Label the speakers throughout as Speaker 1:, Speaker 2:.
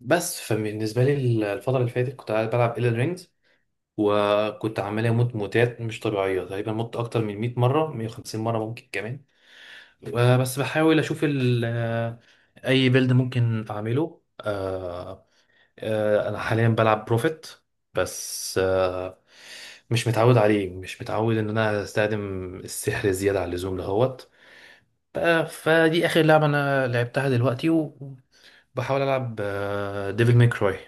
Speaker 1: بس فبالنسبة لي الفترة اللي فاتت كنت قاعد بلعب إيلن رينجز. وكنت عمال أموت موتات مش طبيعية، تقريبا مت أكتر من 100 مرة، 150 مرة ممكن كمان. بس بحاول أشوف أي بيلد ممكن أعمله. أنا حاليا بلعب بروفيت، بس مش متعود عليه، مش متعود إن أنا أستخدم السحر زيادة عن اللزوم دهوت. ف- فدي آخر لعبة أنا لعبتها دلوقتي، وبحاول ألعب ديفل ماي كراي.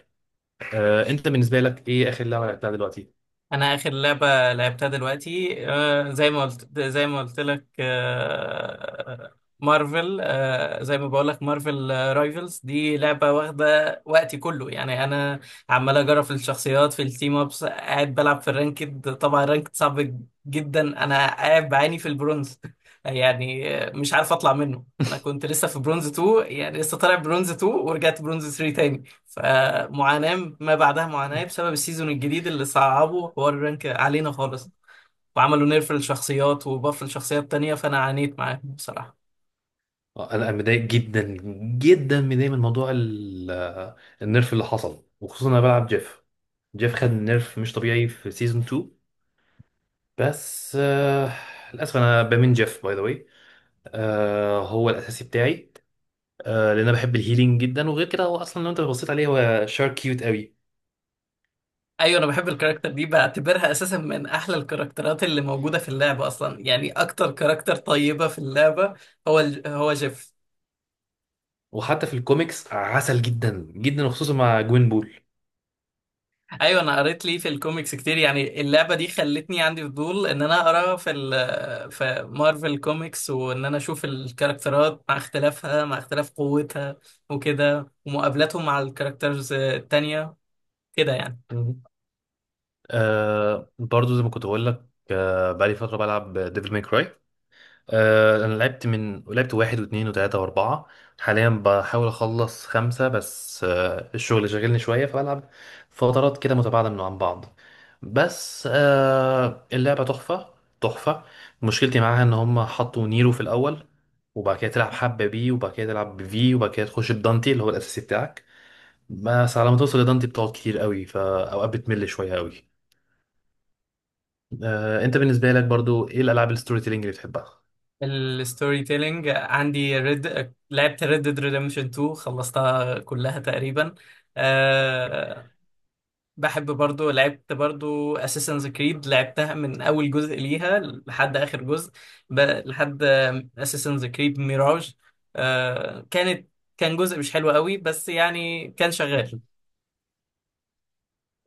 Speaker 1: انت بالنسبه لك ايه اخر لعبه لعبتها دلوقتي؟
Speaker 2: انا اخر لعبه لعبتها دلوقتي، زي ما قلت لك. مارفل. زي ما بقول لك، مارفل رايفلز دي لعبه واخده وقتي كله، يعني انا عمال اجرب في الشخصيات في التيم. ابس قاعد بلعب في الرانكد، طبعا الرانكد صعب جدا. انا قاعد بعاني في البرونز يعني مش عارف اطلع منه. انا كنت لسه في برونز 2، يعني لسه طالع برونز 2 ورجعت برونز 3. فمعاناة ما بعدها معاناة بسبب السيزون الجديد اللي صعبوا حوار الرانك علينا خالص، وعملوا نيرف للشخصيات وباف للشخصيات تانية، فأنا عانيت معاهم بصراحة.
Speaker 1: آه، انا أنا متضايق جدا، جدا متضايق من موضوع النيرف اللي حصل، وخصوصا انا بلعب جيف. جيف خد نيرف مش طبيعي في سيزون 2. بس للاسف انا بمين جيف باي ذا واي، هو الاساسي بتاعي. لان انا بحب الهيلينج جدا، وغير كده هو اصلا لو انت بصيت عليه هو شار كيوت قوي.
Speaker 2: أيوة، أنا بحب الكاركتر دي، بعتبرها أساسا من أحلى الكاركترات اللي موجودة في اللعبة أصلا، يعني أكتر كاركتر طيبة في اللعبة هو هو جيف.
Speaker 1: وحتى في الكوميكس عسل جدا جدا، وخصوصا مع جوين بول.
Speaker 2: ايوه، انا قريت ليه في الكوميكس كتير، يعني اللعبه دي خلتني عندي فضول ان انا اقرا في مارفل كوميكس، وان انا اشوف الكاركترات مع اختلافها، مع اختلاف قوتها وكده، ومقابلاتهم مع الكاركترز التانية كده يعني.
Speaker 1: برضو زي ما كنت بقول لك، بقالي فترة بلعب ديفل ماي كراي. انا لعبت واحد واثنين وثلاثة واربعة. حاليا بحاول اخلص خمسة، بس الشغل شاغلني شوية، فبلعب فترات كده متباعدة من عن بعض. بس اللعبة تحفة، تحفة. مشكلتي معاها ان هم حطوا نيرو في الاول، وبعد كده تلعب حبة بي، وبعد كده تلعب بفي، وبعد كده تخش بدانتي اللي هو الاساسي بتاعك. بس على ما توصل لدانتي بتقعد كتير قوي، فاوقات بتمل شوية قوي. انت بالنسبه لك برضو ايه الالعاب الستوري تيلينج اللي بتحبها؟
Speaker 2: الستوري تيلينج عندي، لعبت ريد ديد ريدمشن 2، خلصتها كلها تقريبا. آه، بحب برضو، لعبت برضو اساسنز كريد، لعبتها من اول جزء ليها لحد اخر جزء، لحد اساسنز كريد ميراج. آه كانت كان جزء مش حلو قوي، بس يعني كان شغال.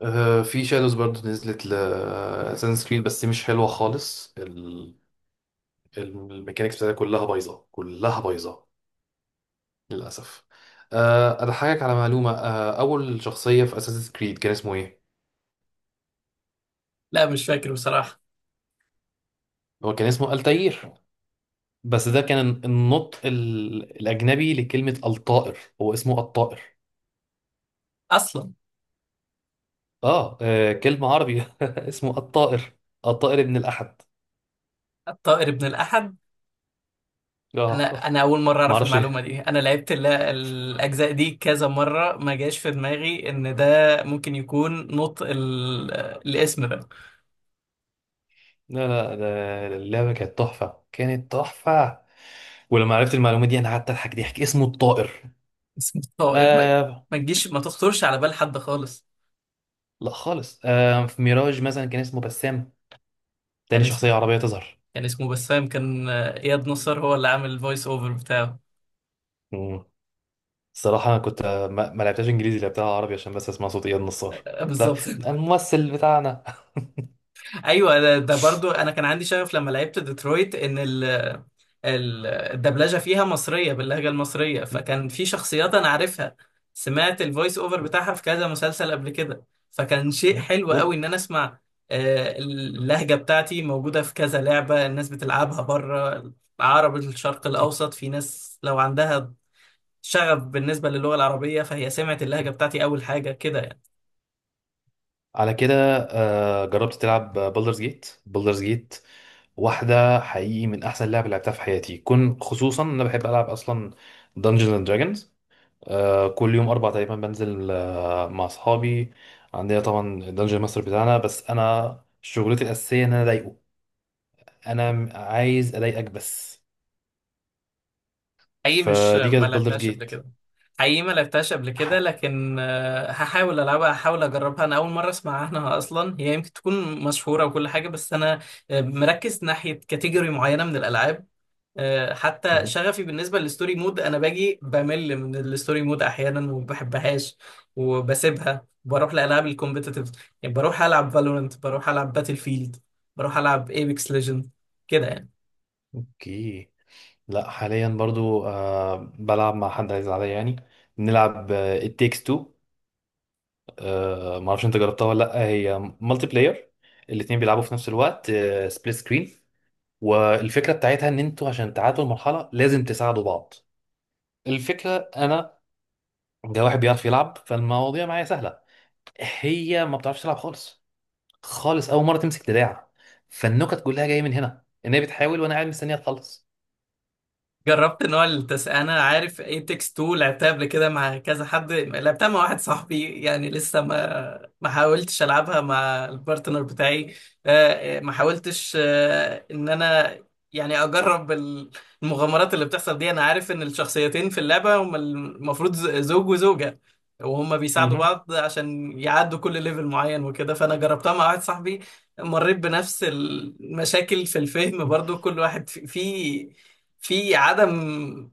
Speaker 1: في شادوز برضو نزلت ل اساسن كريد، بس دي مش حلوه خالص. الميكانيكس بتاعتها كلها بايظه، كلها بايظه للاسف. اضحكك على معلومه. اول شخصيه في اساسن كريد كان اسمه ايه؟
Speaker 2: لا، مش فاكر بصراحة.
Speaker 1: هو كان اسمه التاير، بس ده كان النطق الاجنبي لكلمه الطائر، هو اسمه الطائر.
Speaker 2: اصلا
Speaker 1: اه، كلمه عربي. اسمه الطائر، الطائر ابن الاحد.
Speaker 2: الطائر ابن الاحد. انا
Speaker 1: اه.
Speaker 2: انا اول مرة اعرف
Speaker 1: معرفش.
Speaker 2: المعلومة دي. انا لعبت الاجزاء دي كذا مرة، ما جاش في دماغي ان ده ممكن يكون نطق الاسم ده.
Speaker 1: لا، لا، ده اللعبة كانت تحفة، كانت تحفة. ولما عرفت المعلومة دي أنا قعدت أضحك ضحك، اسمه الطائر.
Speaker 2: اسم الطائر
Speaker 1: آه.
Speaker 2: ما تخطرش على بال حد خالص.
Speaker 1: لا خالص. في ميراج مثلا كان اسمه بسام، تاني
Speaker 2: يعني
Speaker 1: شخصية عربية تظهر.
Speaker 2: كان اسمه بسام، كان آه، اياد نصر هو اللي عامل الفويس اوفر بتاعه.
Speaker 1: مم. الصراحة أنا كنت ما لعبتهاش إنجليزي، لعبتها عربي عشان بس أسمع صوت إياد نصار.
Speaker 2: آه،
Speaker 1: لا،
Speaker 2: بالظبط
Speaker 1: الممثل بتاعنا.
Speaker 2: ايوه ده برضو، انا كان عندي شغف لما لعبت ديترويت، ان ال الدبلجه فيها مصريه باللهجه المصريه، فكان في شخصيات انا عارفها سمعت الفويس اوفر بتاعها في كذا مسلسل قبل كده. فكان شيء حلو
Speaker 1: و...
Speaker 2: قوي ان انا اسمع، اللهجه بتاعتي موجوده في كذا لعبه الناس بتلعبها بره. العرب، الشرق الاوسط، في ناس لو عندها شغف بالنسبة للغة العربية، فهي سمعت اللهجة بتاعتي أول حاجة كده يعني.
Speaker 1: على كده، جربت تلعب بولدرز جيت؟ بولدرز جيت واحدة حقيقي من أحسن لعبة لعبتها في حياتي، كن خصوصا إن أنا بحب ألعب أصلا دنجنز أند دراجونز. كل يوم أربع تقريبا بنزل مع أصحابي. عندنا طبعا الدنجن ماستر بتاعنا، بس أنا شغلتي الأساسية إن أنا أضايقه. عايز أضايقك بس.
Speaker 2: حقيقي، مش
Speaker 1: فدي
Speaker 2: ما
Speaker 1: كانت بولدرز
Speaker 2: لعبتهاش قبل
Speaker 1: جيت.
Speaker 2: كده. حقيقي ما لعبتهاش قبل كده، لكن هحاول ألعبها، هحاول أجربها. أنا أول مرة أسمع عنها أصلا، هي يمكن تكون مشهورة وكل حاجة، بس أنا مركز ناحية كاتيجوري معينة من الألعاب. حتى شغفي بالنسبة للستوري مود، أنا باجي بمل من الستوري مود أحيانا وما بحبهاش، وبسيبها بروح لألعاب الكومبيتيتيف. يعني بروح ألعب فالورنت، بروح ألعب باتل فيلد، بروح ألعب ايبكس ليجند كده يعني.
Speaker 1: أوكي. لا، حاليا برضو بلعب مع حد عايز عليا يعني، بنلعب التيكس 2. ما اعرفش انت جربتها ولا لا، هي مالتي بلاير. الاتنين بيلعبوا في نفس الوقت، سبليت سكرين. والفكره بتاعتها ان انتوا عشان تعادلوا المرحله لازم تساعدوا بعض. الفكره انا، ده واحد بيعرف يلعب فالمواضيع معايا سهله. هي ما بتعرفش تلعب خالص، خالص اول مره تمسك دراع. فالنكت كلها جايه من هنا، ان هي بتحاول وانا قاعد مستنيها تخلص.
Speaker 2: جربت نوع التس انا عارف ايتكس 2، لعبتها قبل كده مع كذا حد، لعبتها مع واحد صاحبي. يعني لسه ما حاولتش العبها مع البارتنر بتاعي. ما حاولتش، ان انا يعني اجرب المغامرات اللي بتحصل دي. انا عارف ان الشخصيتين في اللعبة هم المفروض زوج وزوجة، وهم بيساعدوا
Speaker 1: مهم.
Speaker 2: بعض عشان يعدوا كل ليفل معين وكده، فانا جربتها مع واحد صاحبي. مريت بنفس المشاكل في الفهم برضو، كل واحد فيه في عدم،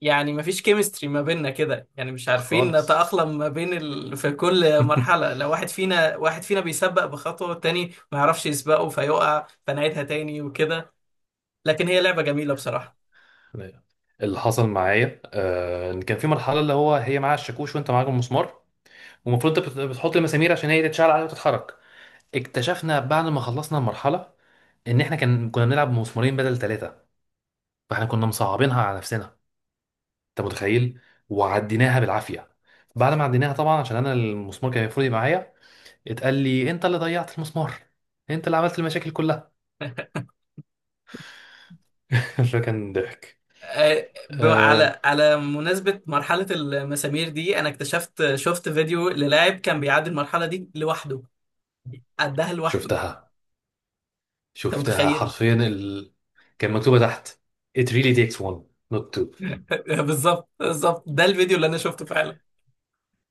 Speaker 2: يعني مفيش كيمستري ما بيننا كده، يعني مش عارفين
Speaker 1: خالص.
Speaker 2: نتأقلم ما بين في كل مرحلة، لو واحد فينا بيسبق بخطوة والتاني ما يعرفش يسبقه فيقع، فنعيدها تاني وكده. لكن هي لعبة جميلة بصراحة.
Speaker 1: اللي حصل معايا ان كان في مرحله اللي هو هي معاها الشاكوش وانت معاك المسمار. ومفروض انت بتحط المسامير عشان هي تتشعل عليها وتتحرك. اكتشفنا بعد ما خلصنا المرحله ان احنا كنا بنلعب بمسمارين بدل ثلاثه، فاحنا كنا مصعبينها على نفسنا. انت متخيل؟ وعديناها بالعافيه. بعد ما عديناها طبعا، عشان انا المسمار كان المفروض يبقى معايا، اتقال لي انت اللي ضيعت المسمار، انت اللي عملت المشاكل كلها. فكان ضحك.
Speaker 2: آه، ب- على
Speaker 1: آه،
Speaker 2: على مناسبة مرحلة المسامير دي، أنا اكتشفت، شفت فيديو للاعب كان بيعدي المرحلة دي لوحده. عدها لوحده.
Speaker 1: شفتها،
Speaker 2: أنت
Speaker 1: شفتها
Speaker 2: متخيل؟
Speaker 1: حرفيا كان مكتوبه تحت "it really takes one not two".
Speaker 2: بالظبط، بالظبط، ده الفيديو اللي أنا شفته فعلا.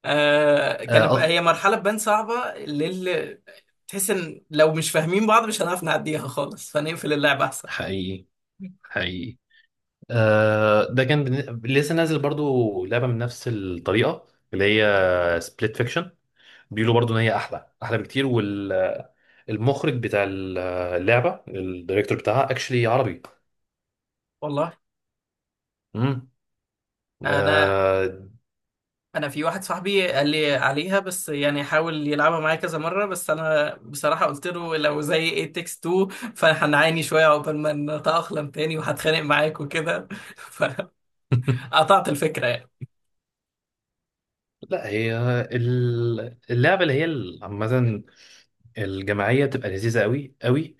Speaker 1: اه،
Speaker 2: كانت بقى هي مرحلة تبان صعبة، للي تحس ان لو مش فاهمين بعض مش هنعرف نعديها خالص، فنقفل اللعبة احسن.
Speaker 1: حقيقي، حقيقي. ده كان لسه نازل برضو لعبه من نفس الطريقه، اللي هي سبليت فيكشن. بيقولوا برضو ان هي احلى، احلى بكتير. والمخرج بتاع اللعبه، الدايركتور بتاعها اكشلي عربي.
Speaker 2: والله،
Speaker 1: امم
Speaker 2: انا،
Speaker 1: آه،
Speaker 2: انا في واحد صاحبي قال لي عليها، بس يعني حاول يلعبها معايا كذا مرة، بس انا بصراحة قلت له لو زي ايه تكس 2، فهنعاني شوية عقبال ما نتأقلم تاني وهتخانق معاك وكده فقطعت الفكرة يعني.
Speaker 1: لا، هي اللعبه اللي هي عامه، الجماعيه بتبقى لذيذه قوي قوي.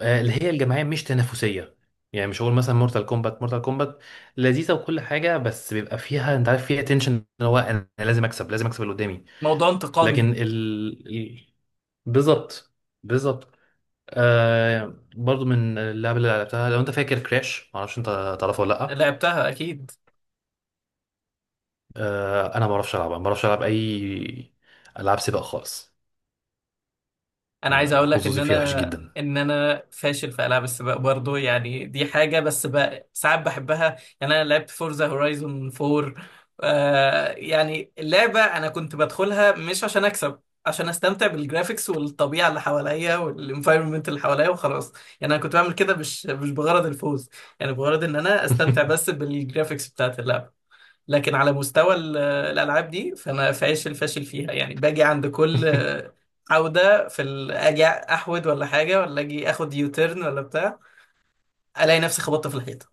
Speaker 1: اللي هي الجماعيه مش تنافسيه، يعني مش هقول مثلا مورتال كومبات. مورتال كومبات لذيذه وكل حاجه، بس بيبقى فيها انت عارف فيها تنشن، ان هو انا لازم اكسب، لازم اكسب اللي قدامي.
Speaker 2: موضوع
Speaker 1: لكن
Speaker 2: انتقامي.
Speaker 1: بالظبط، بالظبط. برضو من اللعب اللي لعبتها، لو انت فاكر كراش، معرفش انت تعرفه ولا لا.
Speaker 2: لعبتها اكيد.
Speaker 1: انا ما بعرفش العبها، ما بعرفش العب اي العاب سباق خالص.
Speaker 2: انا عايز اقول لك ان
Speaker 1: حظوظي فيها وحش
Speaker 2: انا
Speaker 1: جدا.
Speaker 2: ان انا فاشل في العاب السباق برضو، يعني دي حاجه، بس بقى ساعات بحبها، يعني انا لعبت فورزا هورايزون 4. يعني اللعبه انا كنت بدخلها مش عشان اكسب، عشان استمتع بالجرافيكس والطبيعه اللي حواليا والانفايرمنت اللي حواليا وخلاص. يعني انا كنت بعمل كده مش بغرض الفوز، يعني بغرض ان انا استمتع بس بالجرافيكس بتاعت اللعبه. لكن على مستوى الالعاب دي فانا فاشل فاشل فيها، يعني باجي عند كل عودة في اجي احود ولا حاجة ولا اجي اخد يوتيرن ولا بتاع، الاقي نفسي خبطت في الحيطة.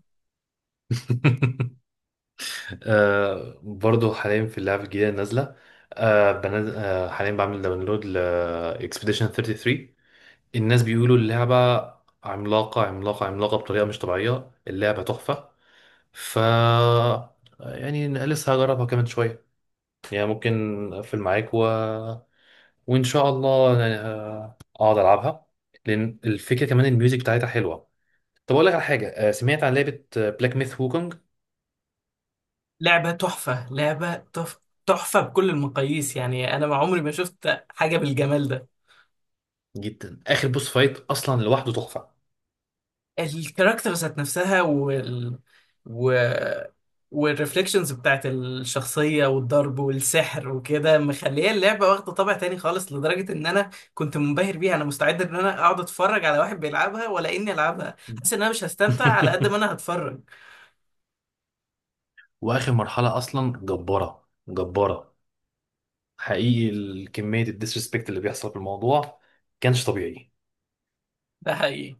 Speaker 1: برضو حاليا في اللعبة الجديدة نازلة. آه بنز... آه حاليا بعمل داونلود ل Expedition 33. الناس بيقولوا اللعبة عملاقة، عملاقة، عملاقة بطريقة مش طبيعية، اللعبة تحفة. ف يعني لسه هجربها كمان شوية، يعني ممكن أقفل معاك وإن شاء الله يعني، أقعد ألعبها. لأن الفكرة كمان الميوزك بتاعتها حلوة. طب أقول لك على حاجة، سمعت عن لعبة بلاك ميث وukong؟
Speaker 2: لعبة تحفة، تحفة بكل المقاييس، يعني انا ما عمري ما شفت حاجة بالجمال ده.
Speaker 1: جدا، آخر بوس فايت أصلا لوحده تحفة.
Speaker 2: الكاركتر ذات نفسها، و والريفليكشنز بتاعت الشخصية والضرب والسحر وكده، مخلية اللعبة واخدة طابع تاني خالص، لدرجة ان انا كنت منبهر بيها. انا مستعد ان انا اقعد اتفرج على واحد بيلعبها، ولا اني العبها، حاسس ان انا مش هستمتع على قد ما انا هتفرج.
Speaker 1: واخر مرحله اصلا جباره، جباره حقيقي. كميه الديسريسبكت اللي بيحصل في الموضوع كانش طبيعي.
Speaker 2: ده حقيقي.